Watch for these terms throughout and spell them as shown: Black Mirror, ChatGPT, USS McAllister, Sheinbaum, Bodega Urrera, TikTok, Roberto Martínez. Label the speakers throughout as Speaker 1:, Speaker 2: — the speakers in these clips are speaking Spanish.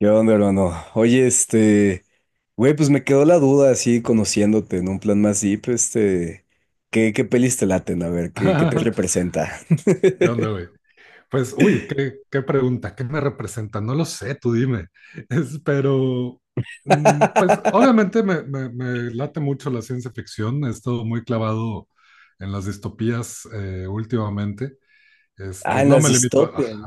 Speaker 1: ¿Qué onda, hermano? Oye, güey, pues me quedó la duda así conociéndote en un plan más deep. ¿Qué pelis te laten? A ver, ¿qué te representa?
Speaker 2: ¿Qué onda, güey? Pues, uy, qué pregunta, ¿qué me representa? No lo sé, tú dime. Pero, pues, obviamente me late mucho la ciencia ficción. He estado muy clavado en las distopías últimamente.
Speaker 1: Ah, en
Speaker 2: No
Speaker 1: las
Speaker 2: me limito a.
Speaker 1: distopias.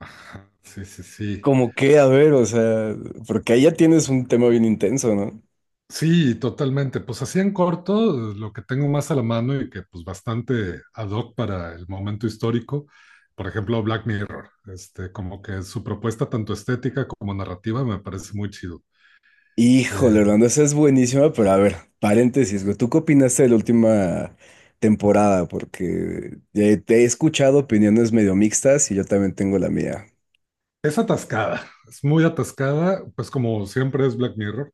Speaker 2: Sí, sí, sí.
Speaker 1: ¿Cómo qué? A ver, o sea, porque ahí ya tienes un tema bien intenso, ¿no?
Speaker 2: Sí, totalmente. Pues así en corto, lo que tengo más a la mano y que pues bastante ad hoc para el momento histórico, por ejemplo, Black Mirror. Como que su propuesta tanto estética como narrativa me parece muy chido.
Speaker 1: Híjole,
Speaker 2: Eh,
Speaker 1: Orlando, esa es buenísima, pero a ver, paréntesis, güey, ¿tú qué opinaste de la última temporada? Porque te he escuchado opiniones medio mixtas y yo también tengo la mía.
Speaker 2: es atascada, es muy atascada, pues como siempre es Black Mirror.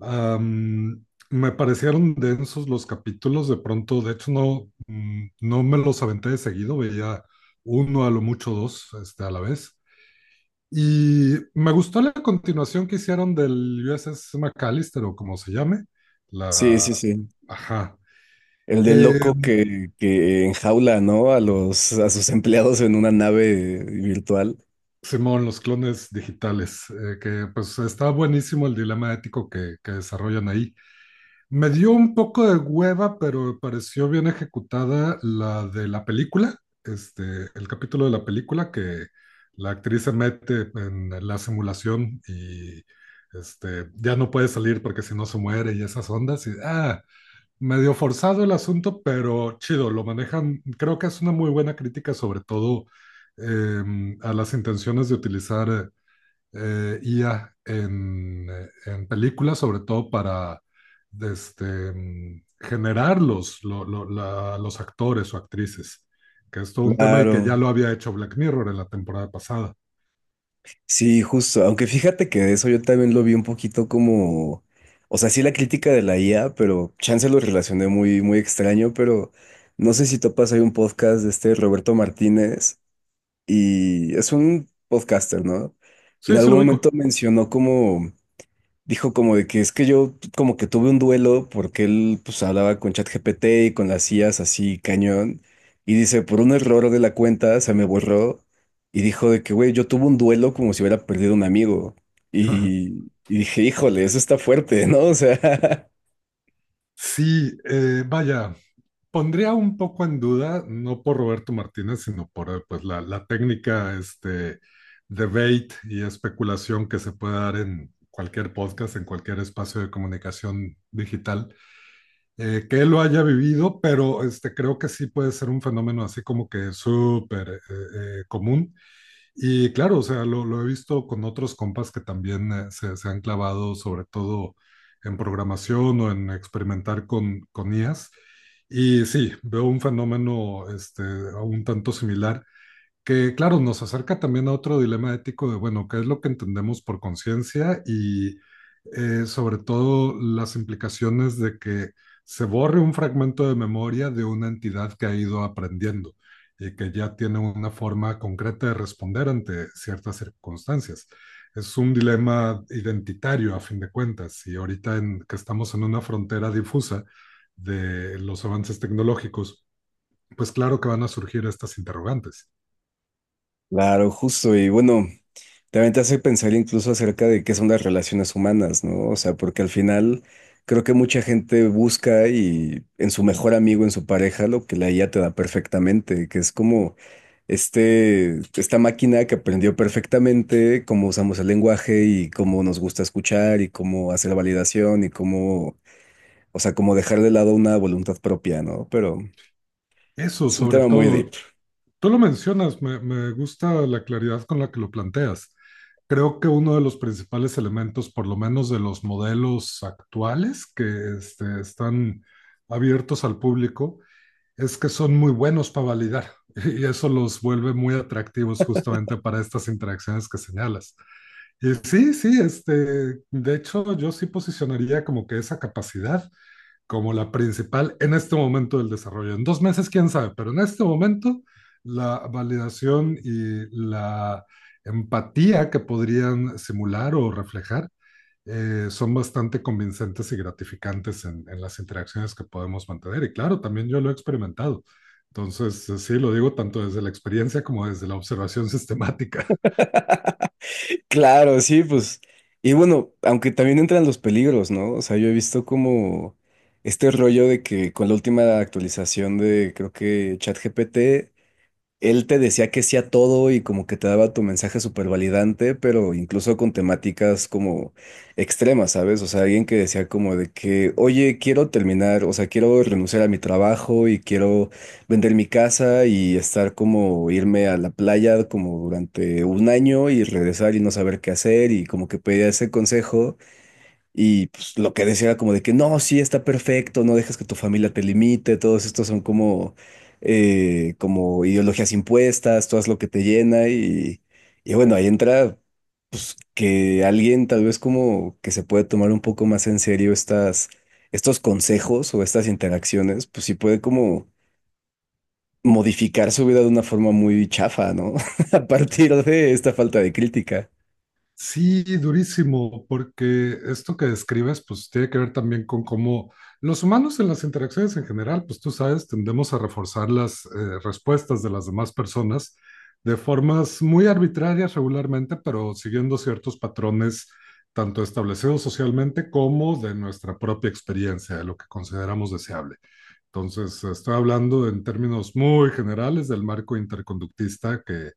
Speaker 2: Me parecieron densos los capítulos, de pronto. De hecho no, no me los aventé de seguido, veía uno, a lo mucho dos, a la vez. Y me gustó la continuación que hicieron del USS McAllister, o como se llame.
Speaker 1: Sí, sí,
Speaker 2: La.
Speaker 1: sí.
Speaker 2: Ajá.
Speaker 1: El del
Speaker 2: Eh,
Speaker 1: loco que enjaula, ¿no?, a los, a sus empleados en una nave virtual.
Speaker 2: Simón, los clones digitales, que pues está buenísimo el dilema ético que desarrollan ahí. Me dio un poco de hueva, pero me pareció bien ejecutada la de la película. este, el capítulo de la película que la actriz se mete en la simulación y ya no puede salir porque si no se muere y esas ondas. Y, medio forzado el asunto, pero chido, lo manejan. Creo que es una muy buena crítica, sobre todo a las intenciones de utilizar IA en películas, sobre todo para generar los, lo- la- los actores o actrices, que es todo un tema, y que ya
Speaker 1: Claro.
Speaker 2: lo había hecho Black Mirror en la temporada pasada.
Speaker 1: Sí, justo. Aunque fíjate que de eso yo también lo vi un poquito como, o sea, sí la crítica de la IA, pero chance lo relacioné muy, muy extraño, pero no sé si topas, hay un podcast de este Roberto Martínez y es un podcaster, ¿no? Y en
Speaker 2: Sí, se lo
Speaker 1: algún momento
Speaker 2: ubico.
Speaker 1: mencionó como, dijo como de que es que yo como que tuve un duelo porque él pues hablaba con ChatGPT y con las IAs así cañón, y dice por un error de la cuenta se me borró y dijo de que güey yo tuve un duelo como si hubiera perdido un amigo, y dije híjole eso está fuerte ¿no? O sea,
Speaker 2: Sí, vaya, pondría un poco en duda, no por Roberto Martínez, sino por pues, la técnica. Debate y especulación que se puede dar en cualquier podcast, en cualquier espacio de comunicación digital, que él lo haya vivido. Pero creo que sí puede ser un fenómeno así como que súper común. Y claro, o sea, lo he visto con otros compas que también se han clavado sobre todo en programación, o en experimentar con IAs. Y sí, veo un fenómeno, un tanto similar, que claro, nos acerca también a otro dilema ético de, bueno, ¿qué es lo que entendemos por conciencia? Y sobre todo las implicaciones de que se borre un fragmento de memoria de una entidad que ha ido aprendiendo y que ya tiene una forma concreta de responder ante ciertas circunstancias. Es un dilema identitario a fin de cuentas, y ahorita que estamos en una frontera difusa de los avances tecnológicos, pues claro que van a surgir estas interrogantes.
Speaker 1: claro, justo. Y bueno, también te hace pensar incluso acerca de qué son las relaciones humanas, ¿no? O sea, porque al final creo que mucha gente busca y en su mejor amigo, en su pareja, lo que la IA te da perfectamente, que es como esta máquina que aprendió perfectamente cómo usamos el lenguaje y cómo nos gusta escuchar y cómo hacer validación y cómo, o sea, como dejar de lado una voluntad propia, ¿no? Pero
Speaker 2: Eso,
Speaker 1: es un
Speaker 2: sobre
Speaker 1: tema muy deep.
Speaker 2: todo tú lo mencionas, me gusta la claridad con la que lo planteas. Creo que uno de los principales elementos, por lo menos de los modelos actuales que están abiertos al público, es que son muy buenos para validar, y eso los vuelve muy atractivos justamente para estas interacciones que señalas. Y sí, sí, de hecho yo sí posicionaría como que esa capacidad como la principal en este momento del desarrollo. En dos meses, quién sabe, pero en este momento la validación y la empatía que podrían simular o reflejar son bastante convincentes y gratificantes las interacciones que podemos mantener. Y claro, también yo lo he experimentado. Entonces, sí, lo digo tanto desde la experiencia como desde la observación sistemática.
Speaker 1: Claro, sí, pues. Y bueno, aunque también entran los peligros, ¿no? O sea, yo he visto como este rollo de que con la última actualización de, creo que ChatGPT, él te decía que sí a todo y como que te daba tu mensaje súper validante, pero incluso con temáticas como extremas, ¿sabes? O sea, alguien que decía como de que, oye, quiero terminar, o sea, quiero renunciar a mi trabajo y quiero vender mi casa y estar como irme a la playa como durante un año y regresar y no saber qué hacer y como que pedía ese consejo. Y pues lo que decía era como de que no, sí, está perfecto, no dejas que tu familia te limite, todos estos son como, como ideologías impuestas, tú haz lo que te llena, y bueno, ahí entra que alguien tal vez como que se puede tomar un poco más en serio estas, estos consejos o estas interacciones, pues sí puede como modificar su vida de una forma muy chafa, ¿no? A partir de esta falta de crítica.
Speaker 2: Sí, durísimo, porque esto que describes pues tiene que ver también con cómo los humanos, en las interacciones en general, pues tú sabes, tendemos a reforzar las respuestas de las demás personas de formas muy arbitrarias regularmente, pero siguiendo ciertos patrones, tanto establecidos socialmente como de nuestra propia experiencia, de lo que consideramos deseable. Entonces, estoy hablando en términos muy generales del marco interconductista que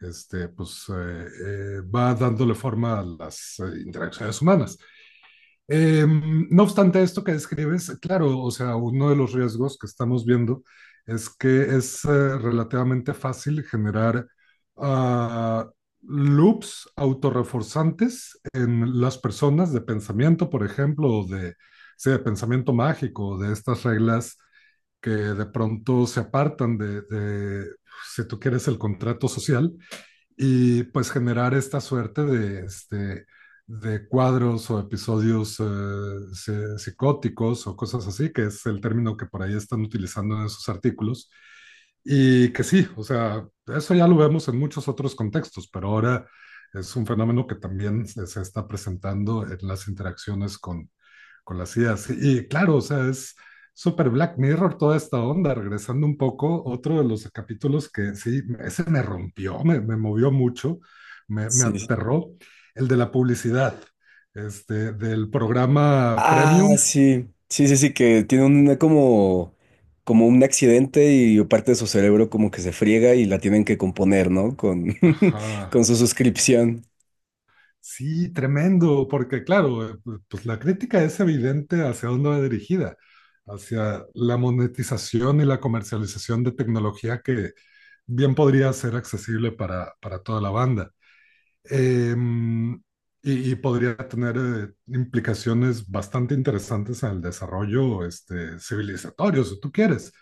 Speaker 2: pues, va dándole forma a las interacciones humanas. No obstante, esto que describes, claro, o sea, uno de los riesgos que estamos viendo es que es relativamente fácil generar uh, loops autorreforzantes en las personas, de pensamiento, por ejemplo, o de, sí, de pensamiento mágico, de estas reglas que de pronto se apartan si tú quieres, el contrato social, y pues generar esta suerte de cuadros o episodios psicóticos o cosas así, que es el término que por ahí están utilizando en sus artículos. Y que sí, o sea, eso ya lo vemos en muchos otros contextos, pero ahora es un fenómeno que también se está presentando en las interacciones con las ideas. Y, claro, o sea, es súper Black Mirror toda esta onda. Regresando un poco, otro de los capítulos que sí, ese me rompió, me movió mucho, me
Speaker 1: Sí.
Speaker 2: aterró, el de la publicidad, del programa
Speaker 1: Ah,
Speaker 2: Premium.
Speaker 1: sí, sí, sí, sí, que tiene una como, como un accidente y parte de su cerebro como que se friega y la tienen que componer, ¿no?, con,
Speaker 2: Ajá.
Speaker 1: con su suscripción.
Speaker 2: Sí, tremendo, porque claro, pues la crítica es evidente hacia dónde va dirigida, hacia la monetización y la comercialización de tecnología que bien podría ser accesible para toda la banda. Eh, y podría tener implicaciones bastante interesantes en el desarrollo, civilizatorio, si tú quieres.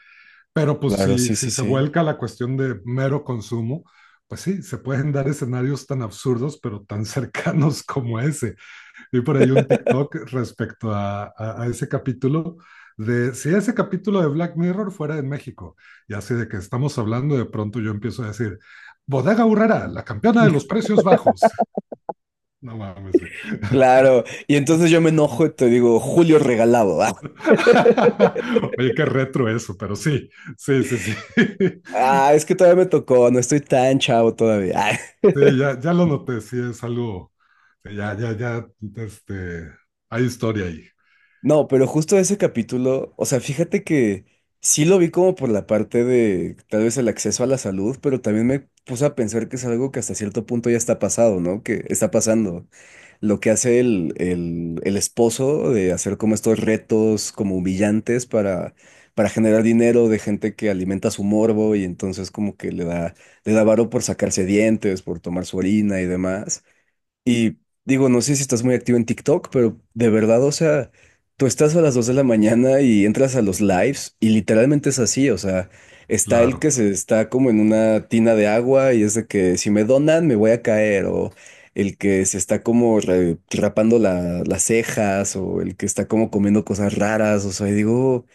Speaker 2: Pero pues
Speaker 1: Claro,
Speaker 2: si,
Speaker 1: sí, sí,
Speaker 2: si se
Speaker 1: sí.
Speaker 2: vuelca a la cuestión de mero consumo, pues sí, se pueden dar escenarios tan absurdos, pero tan cercanos como ese. Vi por ahí un TikTok respecto a ese capítulo, de si ese capítulo de Black Mirror fuera en México. Y así de que estamos hablando, de pronto yo empiezo a decir, Bodega Urrera, la campeona de los precios bajos. No mames, güey.
Speaker 1: Claro, y entonces yo me enojo y te digo, Julio regalado.
Speaker 2: Oye, qué retro eso, pero sí, sí, sí, sí.
Speaker 1: Ah, ah, es que todavía me tocó, no estoy tan chavo todavía.
Speaker 2: Sí, ya, ya lo noté, sí, es algo, sí, ya, ya, ya, este, hay historia ahí.
Speaker 1: No, pero justo ese capítulo, o sea, fíjate que sí lo vi como por la parte de tal vez el acceso a la salud, pero también me puse a pensar que es algo que hasta cierto punto ya está pasado, ¿no? Que está pasando. Lo que hace el esposo de hacer como estos retos como humillantes para generar dinero de gente que alimenta su morbo y entonces como que le da varo por sacarse dientes, por tomar su orina y demás. Y digo, no sé si estás muy activo en TikTok, pero de verdad, o sea, tú estás a las 2 de la mañana y entras a los lives y literalmente es así, o sea, está el que
Speaker 2: Claro.
Speaker 1: se está como en una tina de agua y es de que si me donan me voy a caer, o el que se está como re- rapando la- las cejas, o el que está como comiendo cosas raras, o sea, y digo...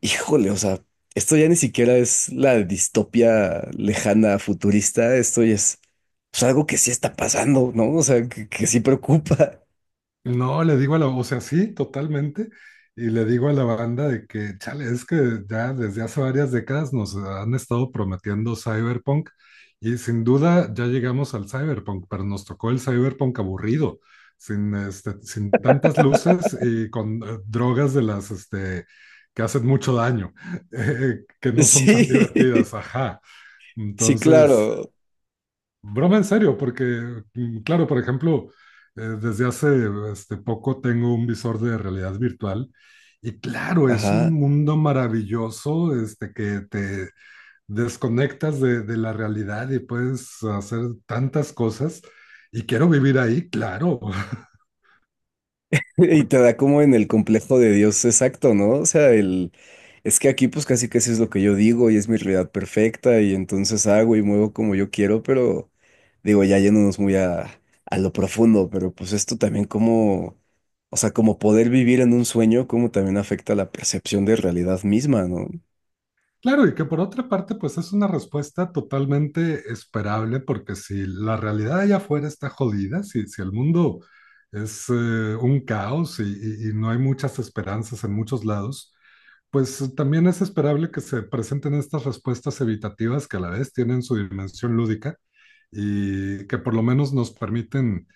Speaker 1: Híjole, o sea, esto ya ni siquiera es la distopia lejana futurista, esto ya es pues, algo que sí está pasando, ¿no? O sea, que sí preocupa.
Speaker 2: No, le digo a o sea, sí, totalmente. Y le digo a la banda de que, chale, es que ya desde hace varias décadas nos han estado prometiendo cyberpunk, y sin duda ya llegamos al cyberpunk, pero nos tocó el cyberpunk aburrido, sin tantas luces, y con drogas de las, que hacen mucho daño, que no son tan
Speaker 1: Sí,
Speaker 2: divertidas, ajá.
Speaker 1: sí,
Speaker 2: Entonces,
Speaker 1: claro.
Speaker 2: broma en serio, porque, claro, por ejemplo, desde hace poco tengo un visor de realidad virtual. Y claro, es un
Speaker 1: Ajá.
Speaker 2: mundo maravilloso, que te desconectas de la realidad y puedes hacer tantas cosas, y quiero vivir ahí, claro.
Speaker 1: Y te da como en el complejo de Dios exacto, ¿no? O sea, el es que aquí pues casi casi es lo que yo digo y es mi realidad perfecta y entonces hago y muevo como yo quiero, pero digo, ya yéndonos muy a lo profundo, pero pues esto también como, o sea, como poder vivir en un sueño, como también afecta la percepción de realidad misma, ¿no?
Speaker 2: Claro, y que por otra parte, pues es una respuesta totalmente esperable, porque si la realidad allá afuera está jodida, si el mundo es un caos, y no hay muchas esperanzas en muchos lados, pues también es esperable que se presenten estas respuestas evitativas, que a la vez tienen su dimensión lúdica y que por lo menos nos permiten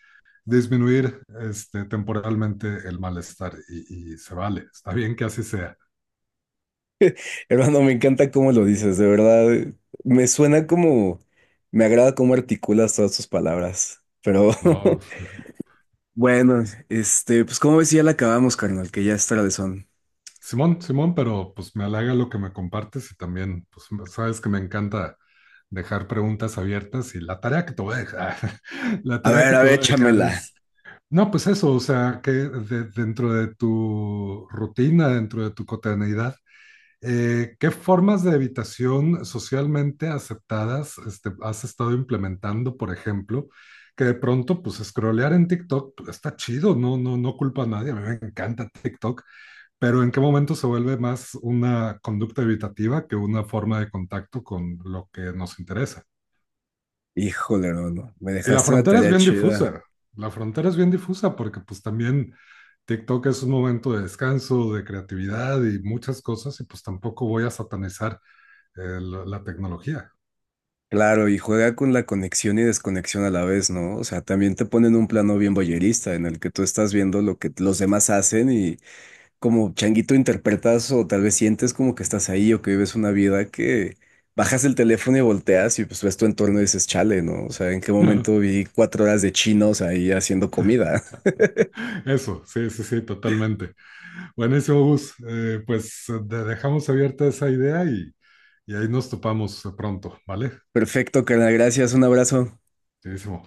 Speaker 2: disminuir, temporalmente, el malestar, y se vale, está bien que así sea,
Speaker 1: Hermano, me encanta cómo lo dices, de verdad, me suena como, me agrada cómo articulas todas tus palabras, pero...
Speaker 2: ¿no?
Speaker 1: Bueno, pues como ves, si ya la acabamos, carnal, que ya es son.
Speaker 2: Simón, Simón, pero pues me halaga lo que me compartes, y también pues sabes que me encanta dejar preguntas abiertas, y la tarea que te voy a dejar, la tarea que
Speaker 1: A
Speaker 2: te
Speaker 1: ver,
Speaker 2: voy a dejar
Speaker 1: échamela.
Speaker 2: es, no, pues eso, o sea, que dentro de tu rutina, dentro de tu cotidianidad, ¿qué formas de evitación socialmente aceptadas has estado implementando, por ejemplo? Que de pronto, pues, scrollear en TikTok, pues, está chido, no, no, no culpa a nadie, a mí me encanta TikTok, pero ¿en qué momento se vuelve más una conducta evitativa que una forma de contacto con lo que nos interesa?
Speaker 1: Híjole, no, no, me
Speaker 2: Y la
Speaker 1: dejaste una
Speaker 2: frontera es
Speaker 1: tarea
Speaker 2: bien
Speaker 1: chida.
Speaker 2: difusa. La frontera es bien difusa, porque pues también TikTok es un momento de descanso, de creatividad y muchas cosas, y pues tampoco voy a satanizar la tecnología.
Speaker 1: Claro, y juega con la conexión y desconexión a la vez, ¿no? O sea, también te ponen un plano bien voyerista en el que tú estás viendo lo que los demás hacen y como changuito interpretas o tal vez sientes como que estás ahí o que vives una vida que bajas el teléfono y volteas y pues ves tu entorno y dices, chale, ¿no? O sea, ¿en qué momento vi 4 horas de chinos ahí haciendo comida?
Speaker 2: Eso, sí, sí, sí, totalmente. Buenísimo, Gus. Pues dejamos abierta esa idea, y ahí nos topamos pronto, ¿vale?
Speaker 1: Perfecto, carnal, gracias, un abrazo.
Speaker 2: Buenísimo.